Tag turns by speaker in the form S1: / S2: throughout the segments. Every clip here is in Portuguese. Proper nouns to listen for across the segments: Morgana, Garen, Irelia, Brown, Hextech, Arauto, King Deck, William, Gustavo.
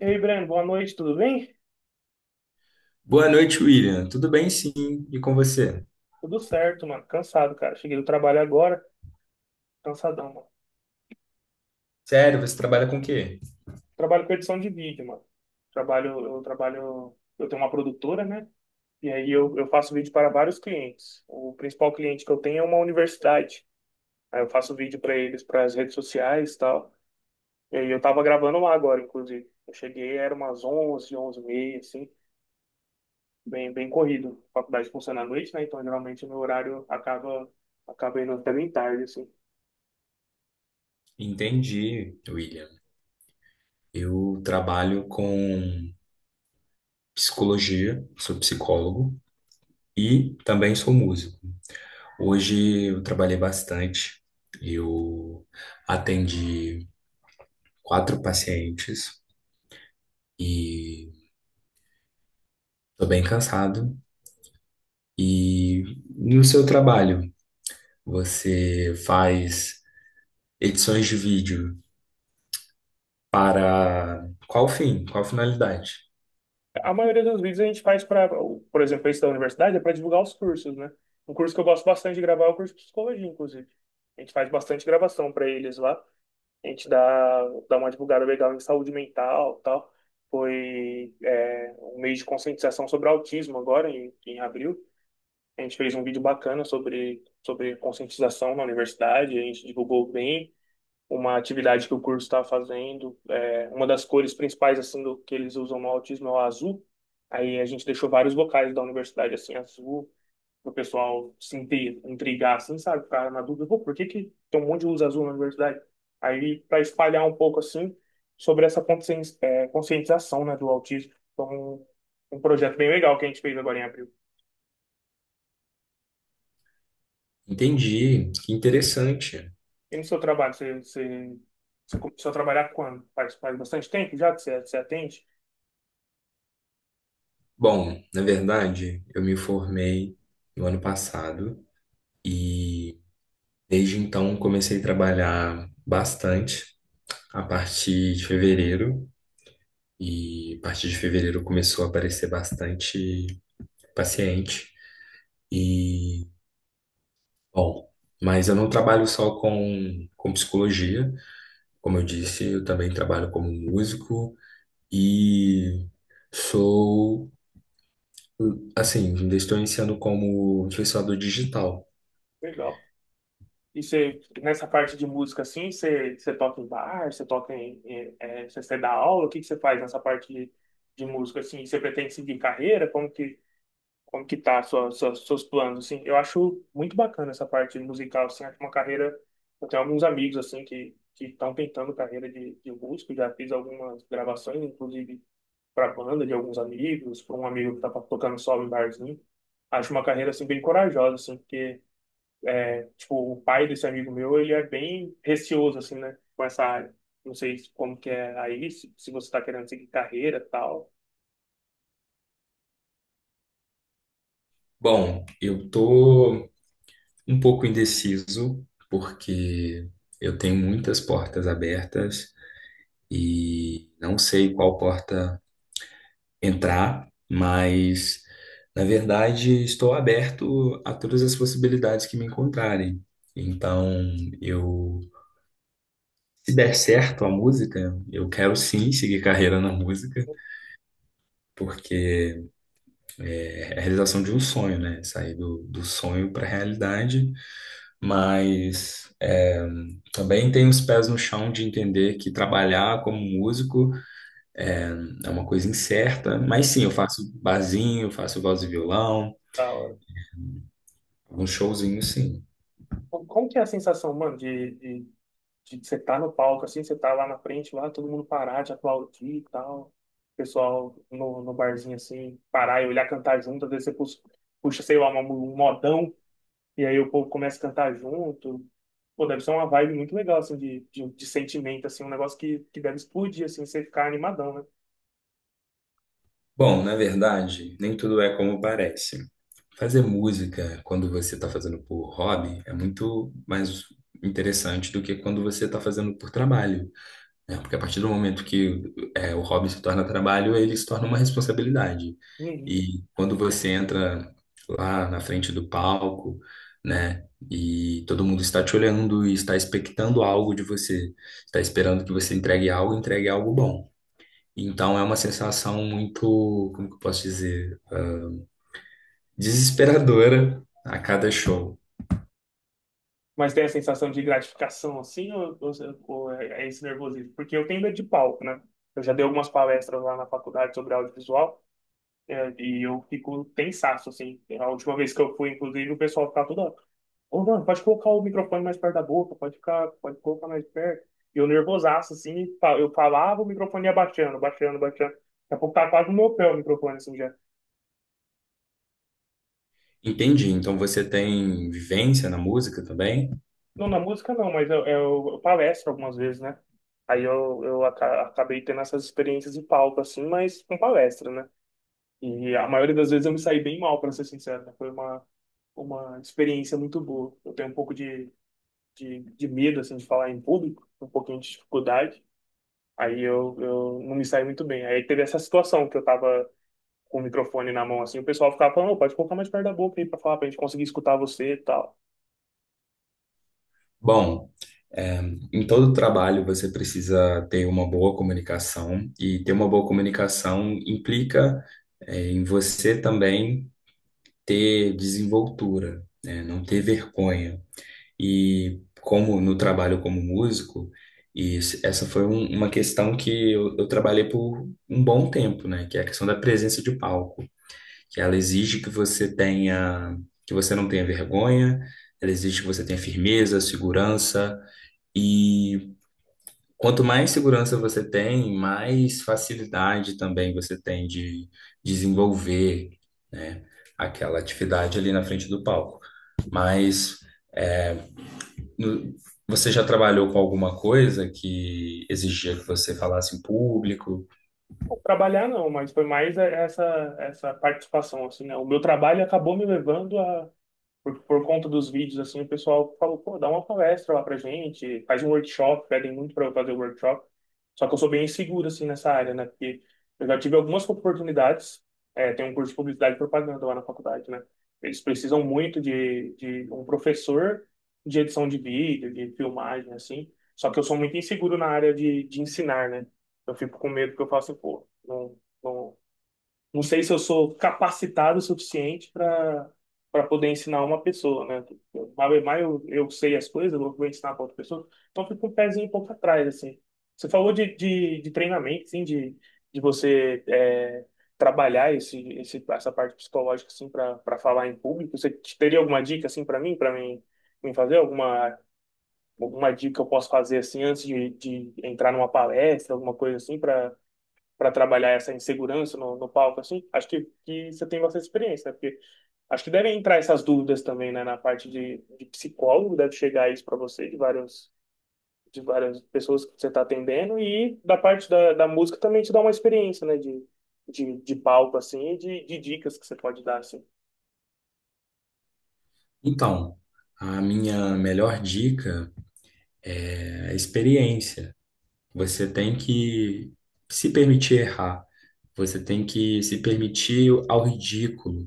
S1: E aí, Breno, boa noite, tudo bem?
S2: Boa noite, William. Tudo bem, sim. E com você?
S1: Tudo certo, mano. Cansado, cara. Cheguei do trabalho agora, cansadão, mano.
S2: Sério, você trabalha com o quê?
S1: Trabalho com edição de vídeo, mano. Eu tenho uma produtora, né? E aí eu faço vídeo para vários clientes. O principal cliente que eu tenho é uma universidade. Aí eu faço vídeo para eles, para as redes sociais e tal. E aí eu tava gravando lá agora, inclusive. Eu cheguei, era umas 11h, 11h30, assim, bem, bem corrido. A faculdade funciona à noite, né? Então geralmente o meu horário acaba indo até bem tarde, assim.
S2: Entendi, William. Eu trabalho com psicologia, sou psicólogo e também sou músico. Hoje eu trabalhei bastante. Eu atendi quatro pacientes e estou bem cansado. E no seu trabalho, você faz edições de vídeo para qual fim? Qual finalidade?
S1: A maioria dos vídeos a gente faz para, por exemplo, esse da universidade é para divulgar os cursos, né? Um curso que eu gosto bastante de gravar é o curso de psicologia, inclusive. A gente faz bastante gravação para eles lá. A gente dá uma divulgada legal em saúde mental, tal. É um mês de conscientização sobre autismo agora, em, abril. A gente fez um vídeo bacana sobre conscientização na universidade. A gente divulgou bem uma atividade que o curso está fazendo. É, uma das cores principais assim do que eles usam no autismo é o azul. Aí a gente deixou vários locais da universidade assim azul, para o pessoal se intrigar, assim, sabe? Ficar na dúvida, pô, por que que tem um monte de luz azul na universidade? Aí para espalhar um pouco assim sobre essa conscientização, né, do autismo. Então, um projeto bem legal que a gente fez agora em abril.
S2: Entendi, que interessante.
S1: E no seu trabalho, você começou a trabalhar quando? Faz bastante tempo já que você atende?
S2: Bom, na verdade, eu me formei no ano passado e desde então comecei a trabalhar bastante a partir de fevereiro e a partir de fevereiro começou a aparecer bastante paciente e bom, mas eu não trabalho só com psicologia, como eu disse, eu também trabalho como músico e sou. Assim, ainda estou iniciando como influenciador digital.
S1: Legal. E você, nessa parte de música assim, você toca em bar, você toca em, em- é, você dá aula. O que que você faz nessa parte de música assim? Você pretende seguir carreira? Como que tá a seus planos assim? Eu acho muito bacana essa parte musical assim, acho uma carreira, eu tenho alguns amigos assim que estão tentando carreira de músico, já fiz algumas gravações, inclusive para banda de alguns amigos, para um amigo que tá tocando solo em barzinho. Acho uma carreira assim bem corajosa assim, porque, tipo, o pai desse amigo meu, ele é bem receoso, assim, né? Com essa área. Não sei como que é aí, se você tá querendo seguir carreira e tal.
S2: Bom, eu tô um pouco indeciso porque eu tenho muitas portas abertas e não sei qual porta entrar, mas na verdade estou aberto a todas as possibilidades que me encontrarem. Então, eu, se der certo a música, eu quero sim seguir carreira na música, porque é é a realização de um sonho, né? Sair do sonho para a realidade, mas é, também tem os pés no chão de entender que trabalhar como músico é uma coisa incerta, mas
S1: e
S2: sim, eu faço barzinho, faço voz e violão,
S1: tal.
S2: alguns showzinhos, sim.
S1: Como que é a sensação, mano, de, de você tá no palco, assim, você tá lá na frente, lá, todo mundo parar, te aplaudir e tal. O pessoal no, barzinho, assim, parar e olhar cantar junto, às vezes você puxa, sei lá, um modão. E aí o povo começa a cantar junto. Pô, deve ser uma vibe muito legal, assim, de, sentimento, assim, um negócio que deve explodir, assim, você ficar animadão, né?
S2: Bom, na verdade, nem tudo é como parece. Fazer música quando você está fazendo por hobby é muito mais interessante do que quando você está fazendo por trabalho, né? Porque a partir do momento que é, o hobby se torna trabalho, ele se torna uma responsabilidade.
S1: Uhum.
S2: E quando você entra lá na frente do palco, né? E todo mundo está te olhando e está expectando algo de você, está esperando que você entregue algo bom. Então é uma sensação muito, como que eu posso dizer, desesperadora a cada show.
S1: Mas tem a sensação de gratificação, assim, ou, é esse nervosismo? Porque eu tenho medo de palco, né? Eu já dei algumas palestras lá na faculdade sobre audiovisual. É, e eu fico tensaço, assim. É. A última vez que eu fui, inclusive, o pessoal ficava toda. Ô, mano, pode colocar o microfone mais perto da boca, pode ficar, pode colocar mais perto. E eu nervosaço, assim, eu falava, o microfone ia baixando, baixando, baixando. Daqui a pouco tá quase no meu pé o microfone, assim, já.
S2: Entendi. Então você tem vivência na música também?
S1: Não, na música não, mas eu palestro algumas vezes, né? Aí eu acabei tendo essas experiências de palco, assim, mas com palestra, né? E a maioria das vezes eu me saí bem mal, pra ser sincero, né? Foi uma experiência muito boa. Eu tenho um pouco de medo, assim, de falar em público, um pouquinho de dificuldade. Aí eu não me saí muito bem. Aí teve essa situação que eu tava com o microfone na mão, assim, o pessoal ficava falando: "Ô, pode colocar mais perto da boca aí pra falar, pra gente conseguir escutar você e tal."
S2: Bom, é, em todo trabalho, você precisa ter uma boa comunicação, e ter uma boa comunicação implica, em você também ter desenvoltura, né? Não ter vergonha. E como no trabalho como músico, e essa foi uma questão que eu trabalhei por um bom tempo, né? Que é a questão da presença de palco, que ela exige que você tenha, que você não tenha vergonha, ela exige que você tenha firmeza, segurança. E quanto mais segurança você tem, mais facilidade também você tem de desenvolver, né, aquela atividade ali na frente do palco. Mas no- você já trabalhou com alguma coisa que exigia que você falasse em público?
S1: Pô, trabalhar não, mas foi mais é, essa, participação, assim, né? O meu trabalho acabou me levando a por conta dos vídeos, assim. O pessoal falou: "Pô, dá uma palestra lá pra gente, faz um workshop." Pedem muito pra eu fazer o workshop. Só que eu sou bem inseguro, assim, nessa área, né? Porque eu já tive algumas oportunidades. É, tem um curso de publicidade e propaganda lá na faculdade, né? Eles precisam muito de um professor de edição de vídeo, de filmagem, assim. Só que eu sou muito inseguro na área de, ensinar, né? Eu fico com medo que eu faço, pô, não não sei se eu sou capacitado o suficiente para poder ensinar uma pessoa, né? Vai mais eu sei as coisas, eu vou ensinar para outra pessoa. Então fica um pezinho um pouco atrás, assim. Você falou de, de treinamento, assim, de você é, trabalhar essa parte psicológica, assim, para falar em público. Você teria alguma dica, assim, para mim fazer? Alguma dica que eu posso fazer, assim, antes de, entrar numa palestra, alguma coisa assim, para trabalhar essa insegurança no, palco, assim. Acho que você tem bastante experiência, né? Porque acho que devem entrar essas dúvidas também, né, na parte de psicólogo, deve chegar isso para você, de várias pessoas que você está atendendo, e da parte da, música também te dá uma experiência, né, de, palco, assim, e de dicas que você pode dar, assim.
S2: Então, a minha melhor dica é a experiência. Você tem que se permitir errar. Você tem que se permitir ao ridículo.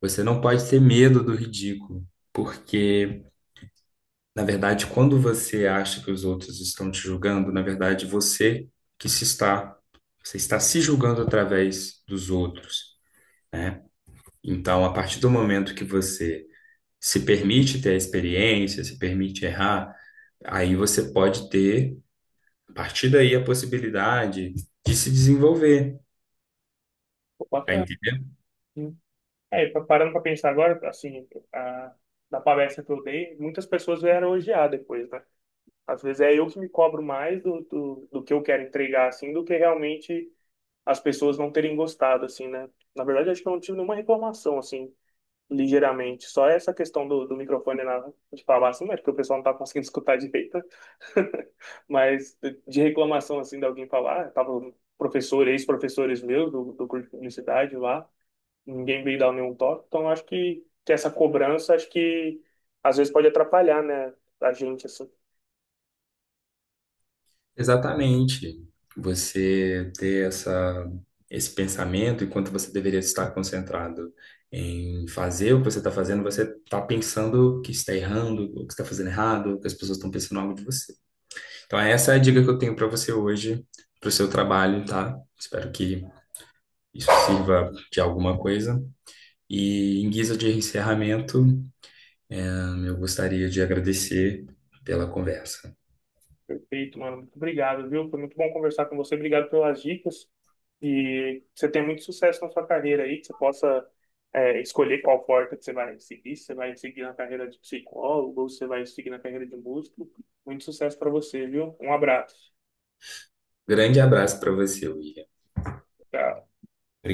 S2: Você não pode ter medo do ridículo, porque, na verdade, quando você acha que os outros estão te julgando, na verdade, que se está, você está se julgando através dos outros, né? Então, a partir do momento que você se permite ter a experiência, se permite errar, aí você pode ter, a partir daí, a possibilidade de se desenvolver,
S1: Pô,
S2: tá
S1: bacana.
S2: entendendo?
S1: Sim. É, e parando para pensar agora, assim, a, da palestra que eu dei, muitas pessoas vieram elogiar depois, né? Às vezes é eu que me cobro mais do, que eu quero entregar, assim, do que realmente as pessoas não terem gostado, assim, né? Na verdade, acho que eu não tive nenhuma reclamação, assim, ligeiramente. Só essa questão do, microfone na, de falar, assim, né? Porque o pessoal não tá conseguindo escutar direito. Mas de reclamação, assim, de alguém falar, ah, tava professor, ex-professores meus do, curso de publicidade lá, ninguém veio dar nenhum toque. Então, acho que essa cobrança, acho que às vezes pode atrapalhar, né? A gente, assim.
S2: Exatamente. Você ter esse pensamento, enquanto você deveria estar concentrado em fazer o que você está fazendo, você está pensando que está errando, o que está fazendo errado, que as pessoas estão pensando algo de você. Então, essa é a dica que eu tenho para você hoje, para o seu trabalho, tá? Espero que isso sirva de alguma coisa. E em guisa de encerramento, eu gostaria de agradecer pela conversa.
S1: Perfeito, mano. Muito obrigado, viu? Foi muito bom conversar com você. Obrigado pelas dicas. E que você tenha muito sucesso na sua carreira aí, que você possa é, escolher qual porta que você vai seguir. Se você vai seguir na carreira de psicólogo ou se você vai seguir na carreira de músico. Muito sucesso para você, viu? Um abraço.
S2: Grande abraço para você, William.
S1: Tchau.